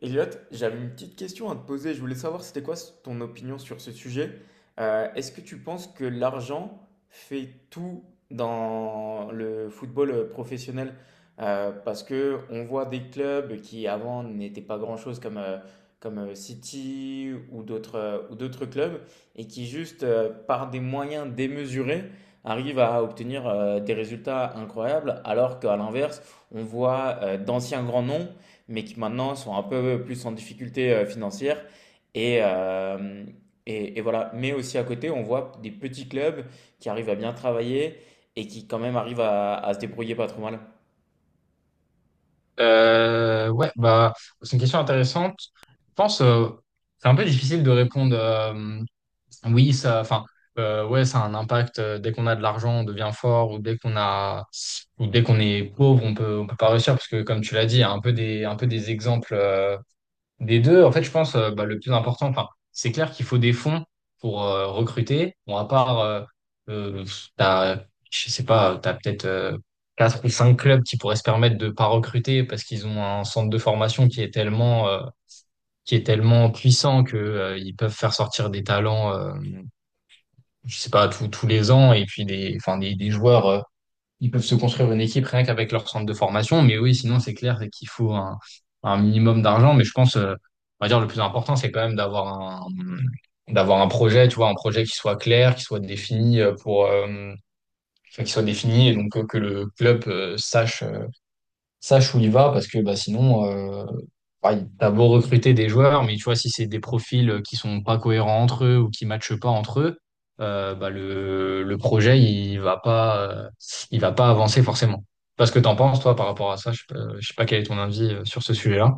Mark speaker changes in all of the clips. Speaker 1: Elliot, j'avais une petite question à te poser. Je voulais savoir c'était quoi ton opinion sur ce sujet. Est-ce que tu penses que l'argent fait tout dans le football professionnel? Parce que on voit des clubs qui avant n'étaient pas grand-chose comme City ou d'autres clubs et qui juste par des moyens démesurés arrivent à obtenir des résultats incroyables alors qu'à l'inverse on voit d'anciens grands noms mais qui maintenant sont un peu plus en difficulté financière. Et, euh, et voilà. Mais aussi à côté, on voit des petits clubs qui arrivent à bien travailler et qui quand même arrivent à se débrouiller pas trop mal.
Speaker 2: Ouais, bah, c'est une question intéressante. Je pense, c'est un peu difficile de répondre, oui, ça, enfin, ouais, ça a un impact. Dès qu'on a de l'argent, on devient fort, ou dès qu'on a, ou dès qu'on est pauvre, On peut pas réussir, parce que, comme tu l'as dit, il y a un peu des exemples. Des deux, en fait, je pense, bah, le plus important, enfin, c'est clair qu'il faut des fonds pour recruter. Bon, à part, euh, t'as, je sais pas, t'as peut-être quatre ou cinq clubs qui pourraient se permettre de pas recruter parce qu'ils ont un centre de formation qui est tellement puissant que ils peuvent faire sortir des talents, je sais pas, tous les ans, et puis des, enfin, des joueurs. Ils peuvent se construire une équipe rien qu'avec leur centre de formation. Mais oui, sinon, c'est clair, c'est qu'il faut un minimum d'argent. Mais je pense, on va dire, le plus important, c'est quand même un, d'avoir un projet, tu vois, un projet qui soit clair, qui soit défini pour, enfin, qui soit défini, et donc que le club sache où il va, parce que bah, sinon, t'as beau recruter des joueurs, mais tu vois, si c'est des profils qui sont pas cohérents entre eux ou qui matchent pas entre eux, bah, le projet, il va pas avancer forcément. Parce que t'en penses, toi, par rapport à ça, je sais pas quel est ton avis sur ce sujet-là.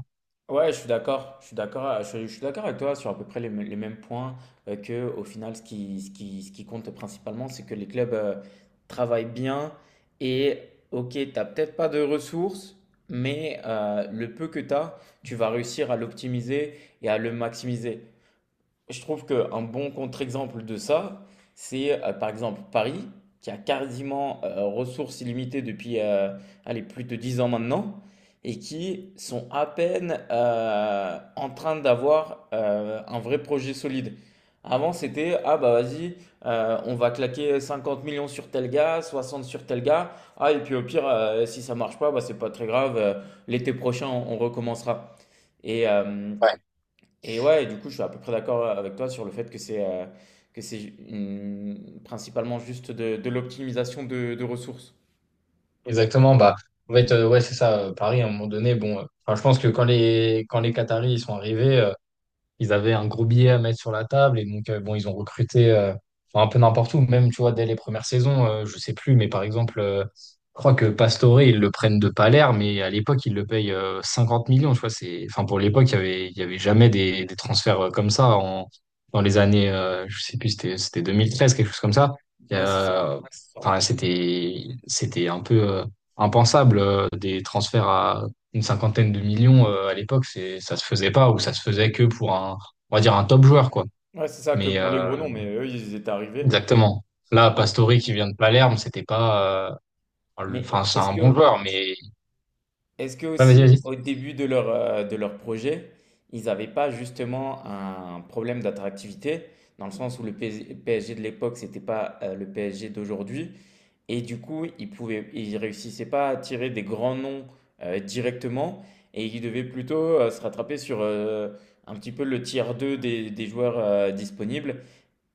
Speaker 1: Ouais, je suis d'accord. Je suis d'accord. Je suis d'accord avec toi sur à peu près les mêmes points que au final, ce qui compte principalement, c'est que les clubs travaillent bien et ok, t'as peut-être pas de ressources, mais le peu que t'as, tu vas réussir à l'optimiser et à le maximiser. Je trouve qu'un bon contre-exemple de ça, c'est par exemple Paris, qui a quasiment ressources illimitées depuis allez, plus de 10 ans maintenant, et qui sont à peine en train d'avoir un vrai projet solide. Avant, c'était, ah bah vas-y, on va claquer 50 millions sur tel gars, 60 sur tel gars, ah et puis au pire, si ça marche pas, bah c'est pas très grave, l'été prochain, on recommencera. Et, euh,
Speaker 2: Ouais,
Speaker 1: et ouais, du coup, je suis à peu près d'accord avec toi sur le fait que c'est principalement juste de l'optimisation de ressources.
Speaker 2: exactement. Bah, en fait, ouais, c'est ça. Paris, à un moment donné, bon, enfin, je pense que quand quand les Qataris, ils sont arrivés, ils avaient un gros billet à mettre sur la table, et donc bon, ils ont recruté enfin, un peu n'importe où, même tu vois dès les premières saisons, je sais plus, mais par exemple, je crois que Pastore, ils le prennent de Palerme, mais à l'époque ils le payent 50 millions, tu vois, c'est, enfin, pour l'époque, il y avait jamais des transferts comme ça, en dans les années, je sais plus, c'était 2013, quelque chose comme ça. Et,
Speaker 1: Ouais, c'est ça.
Speaker 2: euh, enfin, c'était un peu impensable, des transferts à une cinquantaine de millions à l'époque, c'est, ça se faisait pas, ou ça se faisait que pour un, on va dire, un top joueur, quoi.
Speaker 1: Ouais, c'est ça que
Speaker 2: Mais
Speaker 1: pour les gros noms, mais eux, ils étaient arrivés.
Speaker 2: exactement. Là,
Speaker 1: Ouais.
Speaker 2: Pastore qui vient de Palerme, c'était pas, enfin
Speaker 1: Mais
Speaker 2: c'est
Speaker 1: est-ce
Speaker 2: un bon
Speaker 1: que,
Speaker 2: joueur, mais...
Speaker 1: est-ce que
Speaker 2: Ah, vas-y,
Speaker 1: aussi,
Speaker 2: vas-y.
Speaker 1: au début de leur projet, ils n'avaient pas justement un problème d'attractivité, dans le sens où le PSG de l'époque, c'était pas le PSG d'aujourd'hui, et du coup, il réussissait pas à tirer des grands noms directement et il devait plutôt se rattraper sur un petit peu le tiers 2 des joueurs disponibles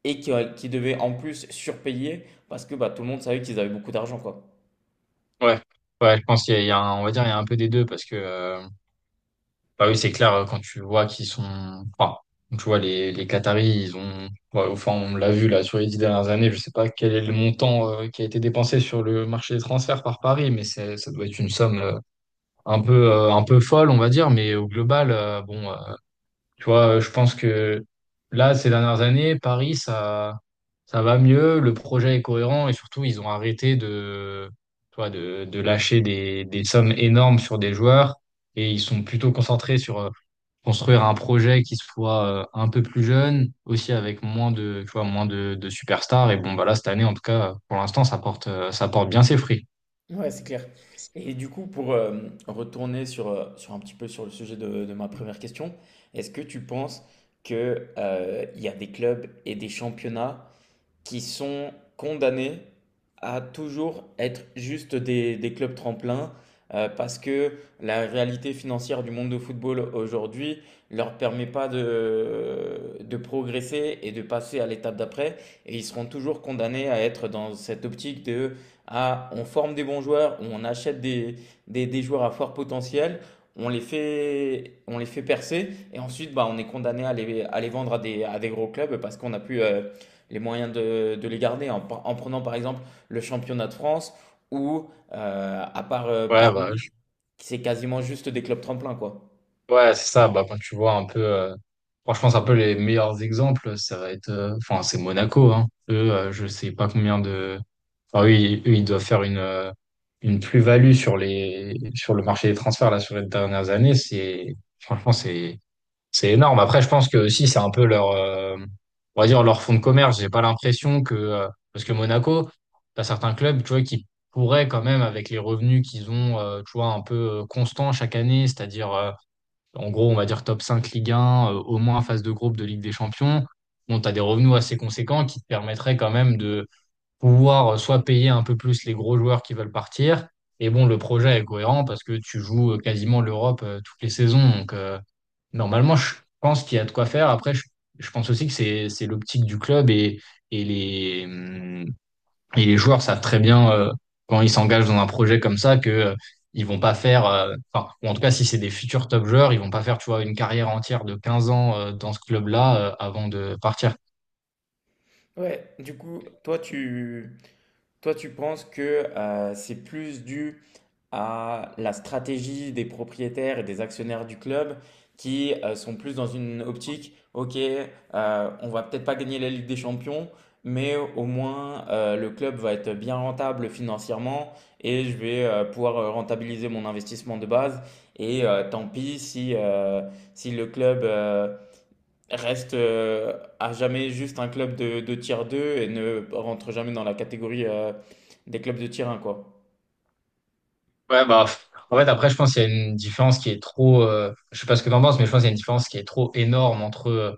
Speaker 1: et qui devait en plus surpayer parce que bah, tout le monde savait qu'ils avaient beaucoup d'argent, quoi.
Speaker 2: Ouais, ouais, je pense qu'il y a, il y a un- on va dire, il y a un peu des deux, parce que, bah oui, c'est clair, quand tu vois qu'ils sont, enfin, tu vois les Qataris, ils ont, ouais, enfin on l'a vu là sur les 10 dernières années, je sais pas quel est le montant qui a été dépensé sur le marché des transferts par Paris, mais c'est, ça doit être une somme. Un peu folle, on va dire, mais au global, bon, tu vois, je pense que là, ces dernières années, Paris, ça va mieux, le projet est cohérent, et surtout, ils ont arrêté de, tu vois, de lâcher des sommes énormes sur des joueurs, et ils sont plutôt concentrés sur construire un projet qui soit un peu plus jeune, aussi avec moins de, tu vois, moins de superstars. Et bon, bah là, cette année, en tout cas, pour l'instant, ça porte bien ses fruits.
Speaker 1: Ouais, c'est clair. Et du coup, pour retourner sur un petit peu sur le sujet de ma première question, est-ce que tu penses que il y a des clubs et des championnats qui sont condamnés à toujours être juste des clubs tremplins parce que la réalité financière du monde de football aujourd'hui leur permet pas de progresser et de passer à l'étape d'après et ils seront toujours condamnés à être dans cette optique de ah, on forme des bons joueurs ou on achète des joueurs à fort potentiel, on les fait percer et ensuite bah, on est condamné à les vendre à des gros clubs parce qu'on a plus les moyens de les garder en prenant par exemple le championnat de France ou à part
Speaker 2: Ouais, bah,
Speaker 1: Paris, c'est quasiment juste des clubs tremplins quoi.
Speaker 2: ouais, c'est ça. Bah, quand tu vois un peu, franchement, c'est un peu les meilleurs exemples. Ça va être, enfin, c'est Monaco, hein. Eux, je sais pas combien de. Enfin, oui, eux, ils doivent faire une plus-value sur le marché des transferts là sur les dernières années. C'est, franchement, c'est énorme. Après, je pense que aussi, c'est un peu leur, on va dire, leur fonds de commerce. J'ai pas l'impression que, parce que Monaco, t'as certains clubs, tu vois, qui pourraient quand même avec les revenus qu'ils ont, tu vois, un peu constants chaque année, c'est-à-dire en gros, on va dire top 5 Ligue un, au moins phase de groupe de Ligue des Champions. Bon, tu as des revenus assez conséquents qui te permettraient quand même de pouvoir, soit payer un peu plus les gros joueurs qui veulent partir. Et bon, le projet est cohérent parce que tu joues quasiment l'Europe toutes les saisons. Donc, normalement, je pense qu'il y a de quoi faire. Après, je pense aussi que c'est l'optique du club, et les, hum, et les joueurs savent très bien quand ils s'engagent dans un projet comme ça que ils vont pas faire, enfin, ou en tout cas si c'est des futurs top joueurs, ils vont pas faire, tu vois, une carrière entière de 15 ans dans ce club-là avant de partir.
Speaker 1: Ouais, du coup, toi tu penses que c'est plus dû à la stratégie des propriétaires et des actionnaires du club qui sont plus dans une optique, ok, on va peut-être pas gagner la Ligue des Champions, mais au moins le club va être bien rentable financièrement et je vais pouvoir rentabiliser mon investissement de base. Et tant pis si le club reste à jamais juste un club de tier 2 et ne rentre jamais dans la catégorie des clubs de tier un quoi.
Speaker 2: Ouais, bah, en fait, après, je pense qu'il y a une différence qui est trop, je sais pas ce que t'en penses, mais je pense qu'il y a une différence qui est trop énorme entre,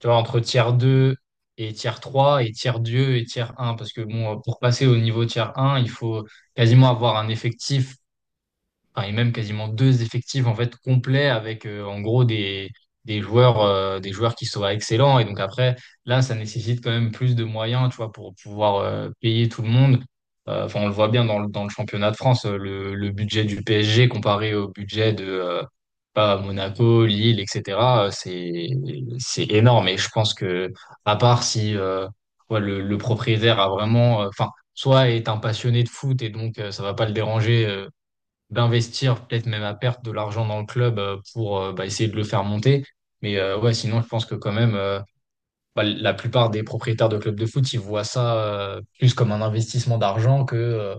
Speaker 2: tu vois, entre tiers 2 et tiers trois, et tiers 2 et tiers un, parce que bon, pour passer au niveau tiers un, il faut quasiment avoir un effectif, enfin, et même quasiment deux effectifs en fait complets avec en gros des joueurs qui soient excellents, et donc après, là ça nécessite quand même plus de moyens, tu vois, pour pouvoir payer tout le monde. Enfin, on le voit bien dans le championnat de France, le budget du PSG comparé au budget de pas Monaco, Lille, etc., c'est énorme, et je pense que à part si ouais, le propriétaire a vraiment enfin soit est un passionné de foot, et donc ça va pas le déranger d'investir peut-être même à perte de l'argent dans le club pour bah, essayer de le faire monter. Mais ouais, sinon, je pense que quand même, bah, la plupart des propriétaires de clubs de foot, ils voient ça plus comme un investissement d'argent que,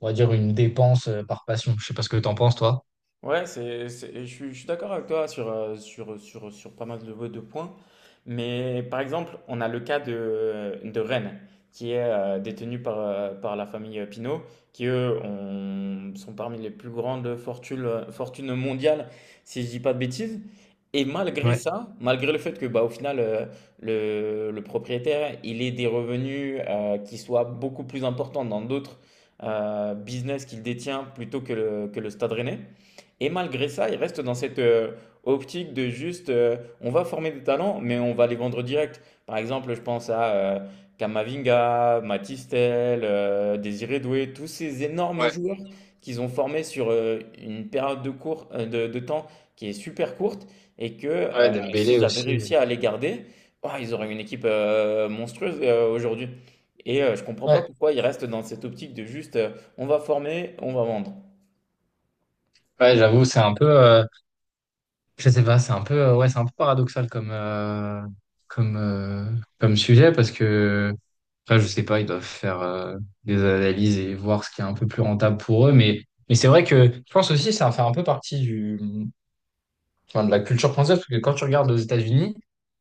Speaker 2: on va dire, une dépense par passion. Je sais pas ce que t'en penses, toi.
Speaker 1: Ouais, et je suis d'accord avec toi sur pas mal de points. Mais par exemple, on a le cas de Rennes, qui est détenu par la famille Pinault, qui eux sont parmi les plus grandes fortunes mondiales, si je dis pas de bêtises. Et malgré
Speaker 2: Ouais,
Speaker 1: ça, malgré le fait que bah, au final, le propriétaire, il ait des revenus qui soient beaucoup plus importants dans d'autres business qu'il détient plutôt que le Stade Rennais. Et malgré ça, ils restent dans cette optique de juste, on va former des talents, mais on va les vendre direct. Par exemple, je pense à Kamavinga, Matistel, Désiré Doué, tous ces énormes
Speaker 2: ouais,
Speaker 1: joueurs qu'ils ont formés sur une période de temps qui est super courte et que
Speaker 2: ouais,
Speaker 1: euh,
Speaker 2: Dembélé
Speaker 1: s'ils avaient
Speaker 2: aussi.
Speaker 1: réussi à les garder, oh, ils auraient une équipe monstrueuse aujourd'hui. Et je comprends pas
Speaker 2: Ouais,
Speaker 1: pourquoi ils restent dans cette optique de juste, on va former, on va vendre.
Speaker 2: ouais, j'avoue, c'est un peu... Je sais pas, c'est un peu, ouais, c'est un peu paradoxal comme, comme, euh, comme sujet, parce que après, je sais pas, ils doivent faire des analyses et voir ce qui est un peu plus rentable pour eux. Mais c'est vrai que je pense aussi que ça fait un peu partie du, enfin, de la culture française, parce que quand tu regardes aux États-Unis,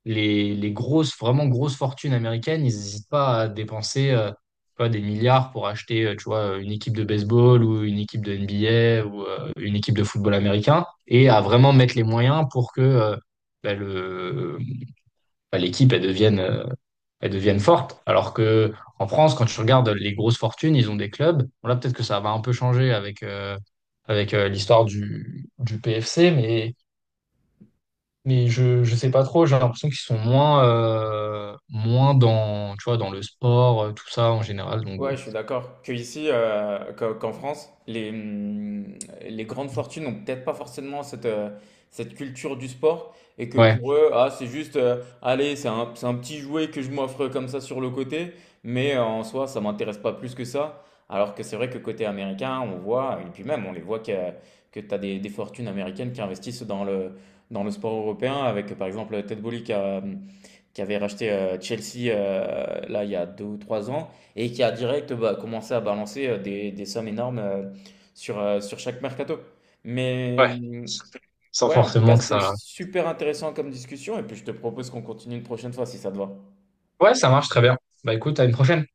Speaker 2: les grosses, vraiment grosses fortunes américaines, ils n'hésitent pas à dépenser tu vois, des milliards pour acheter tu vois, une équipe de baseball, ou une équipe de NBA, ou une équipe de football américain, et à vraiment mettre les moyens pour que bah, l'équipe elle devienne forte. Alors que en France, quand tu regardes les grosses fortunes, ils ont des clubs. Bon, là, peut-être que ça va un peu changer avec, l'histoire du PFC, mais mais je sais pas trop, j'ai l'impression qu'ils sont moins, moins dans, tu vois, dans le sport, tout ça en général. Donc bon.
Speaker 1: Ouais, je suis d'accord. Que ici, qu'en France, les grandes fortunes n'ont peut-être pas forcément cette culture du sport et que
Speaker 2: Ouais,
Speaker 1: pour eux, ah, c'est juste, allez, c'est un petit jouet que je m'offre comme ça sur le côté, mais en soi, ça m'intéresse pas plus que ça. Alors que c'est vrai que côté américain, on voit, et puis même, on les voit que tu as des fortunes américaines qui investissent dans le sport européen, avec par exemple Ted Bolly qui avait racheté Chelsea là il y a 2 ou 3 ans et qui a direct bah, commencé à balancer des sommes énormes sur chaque mercato. Mais
Speaker 2: ouais. Sans
Speaker 1: ouais, en tout cas,
Speaker 2: forcément que
Speaker 1: c'était
Speaker 2: ça.
Speaker 1: super intéressant comme discussion et puis je te propose qu'on continue une prochaine fois si ça te va.
Speaker 2: Ouais, ça marche très bien. Bah écoute, à une prochaine.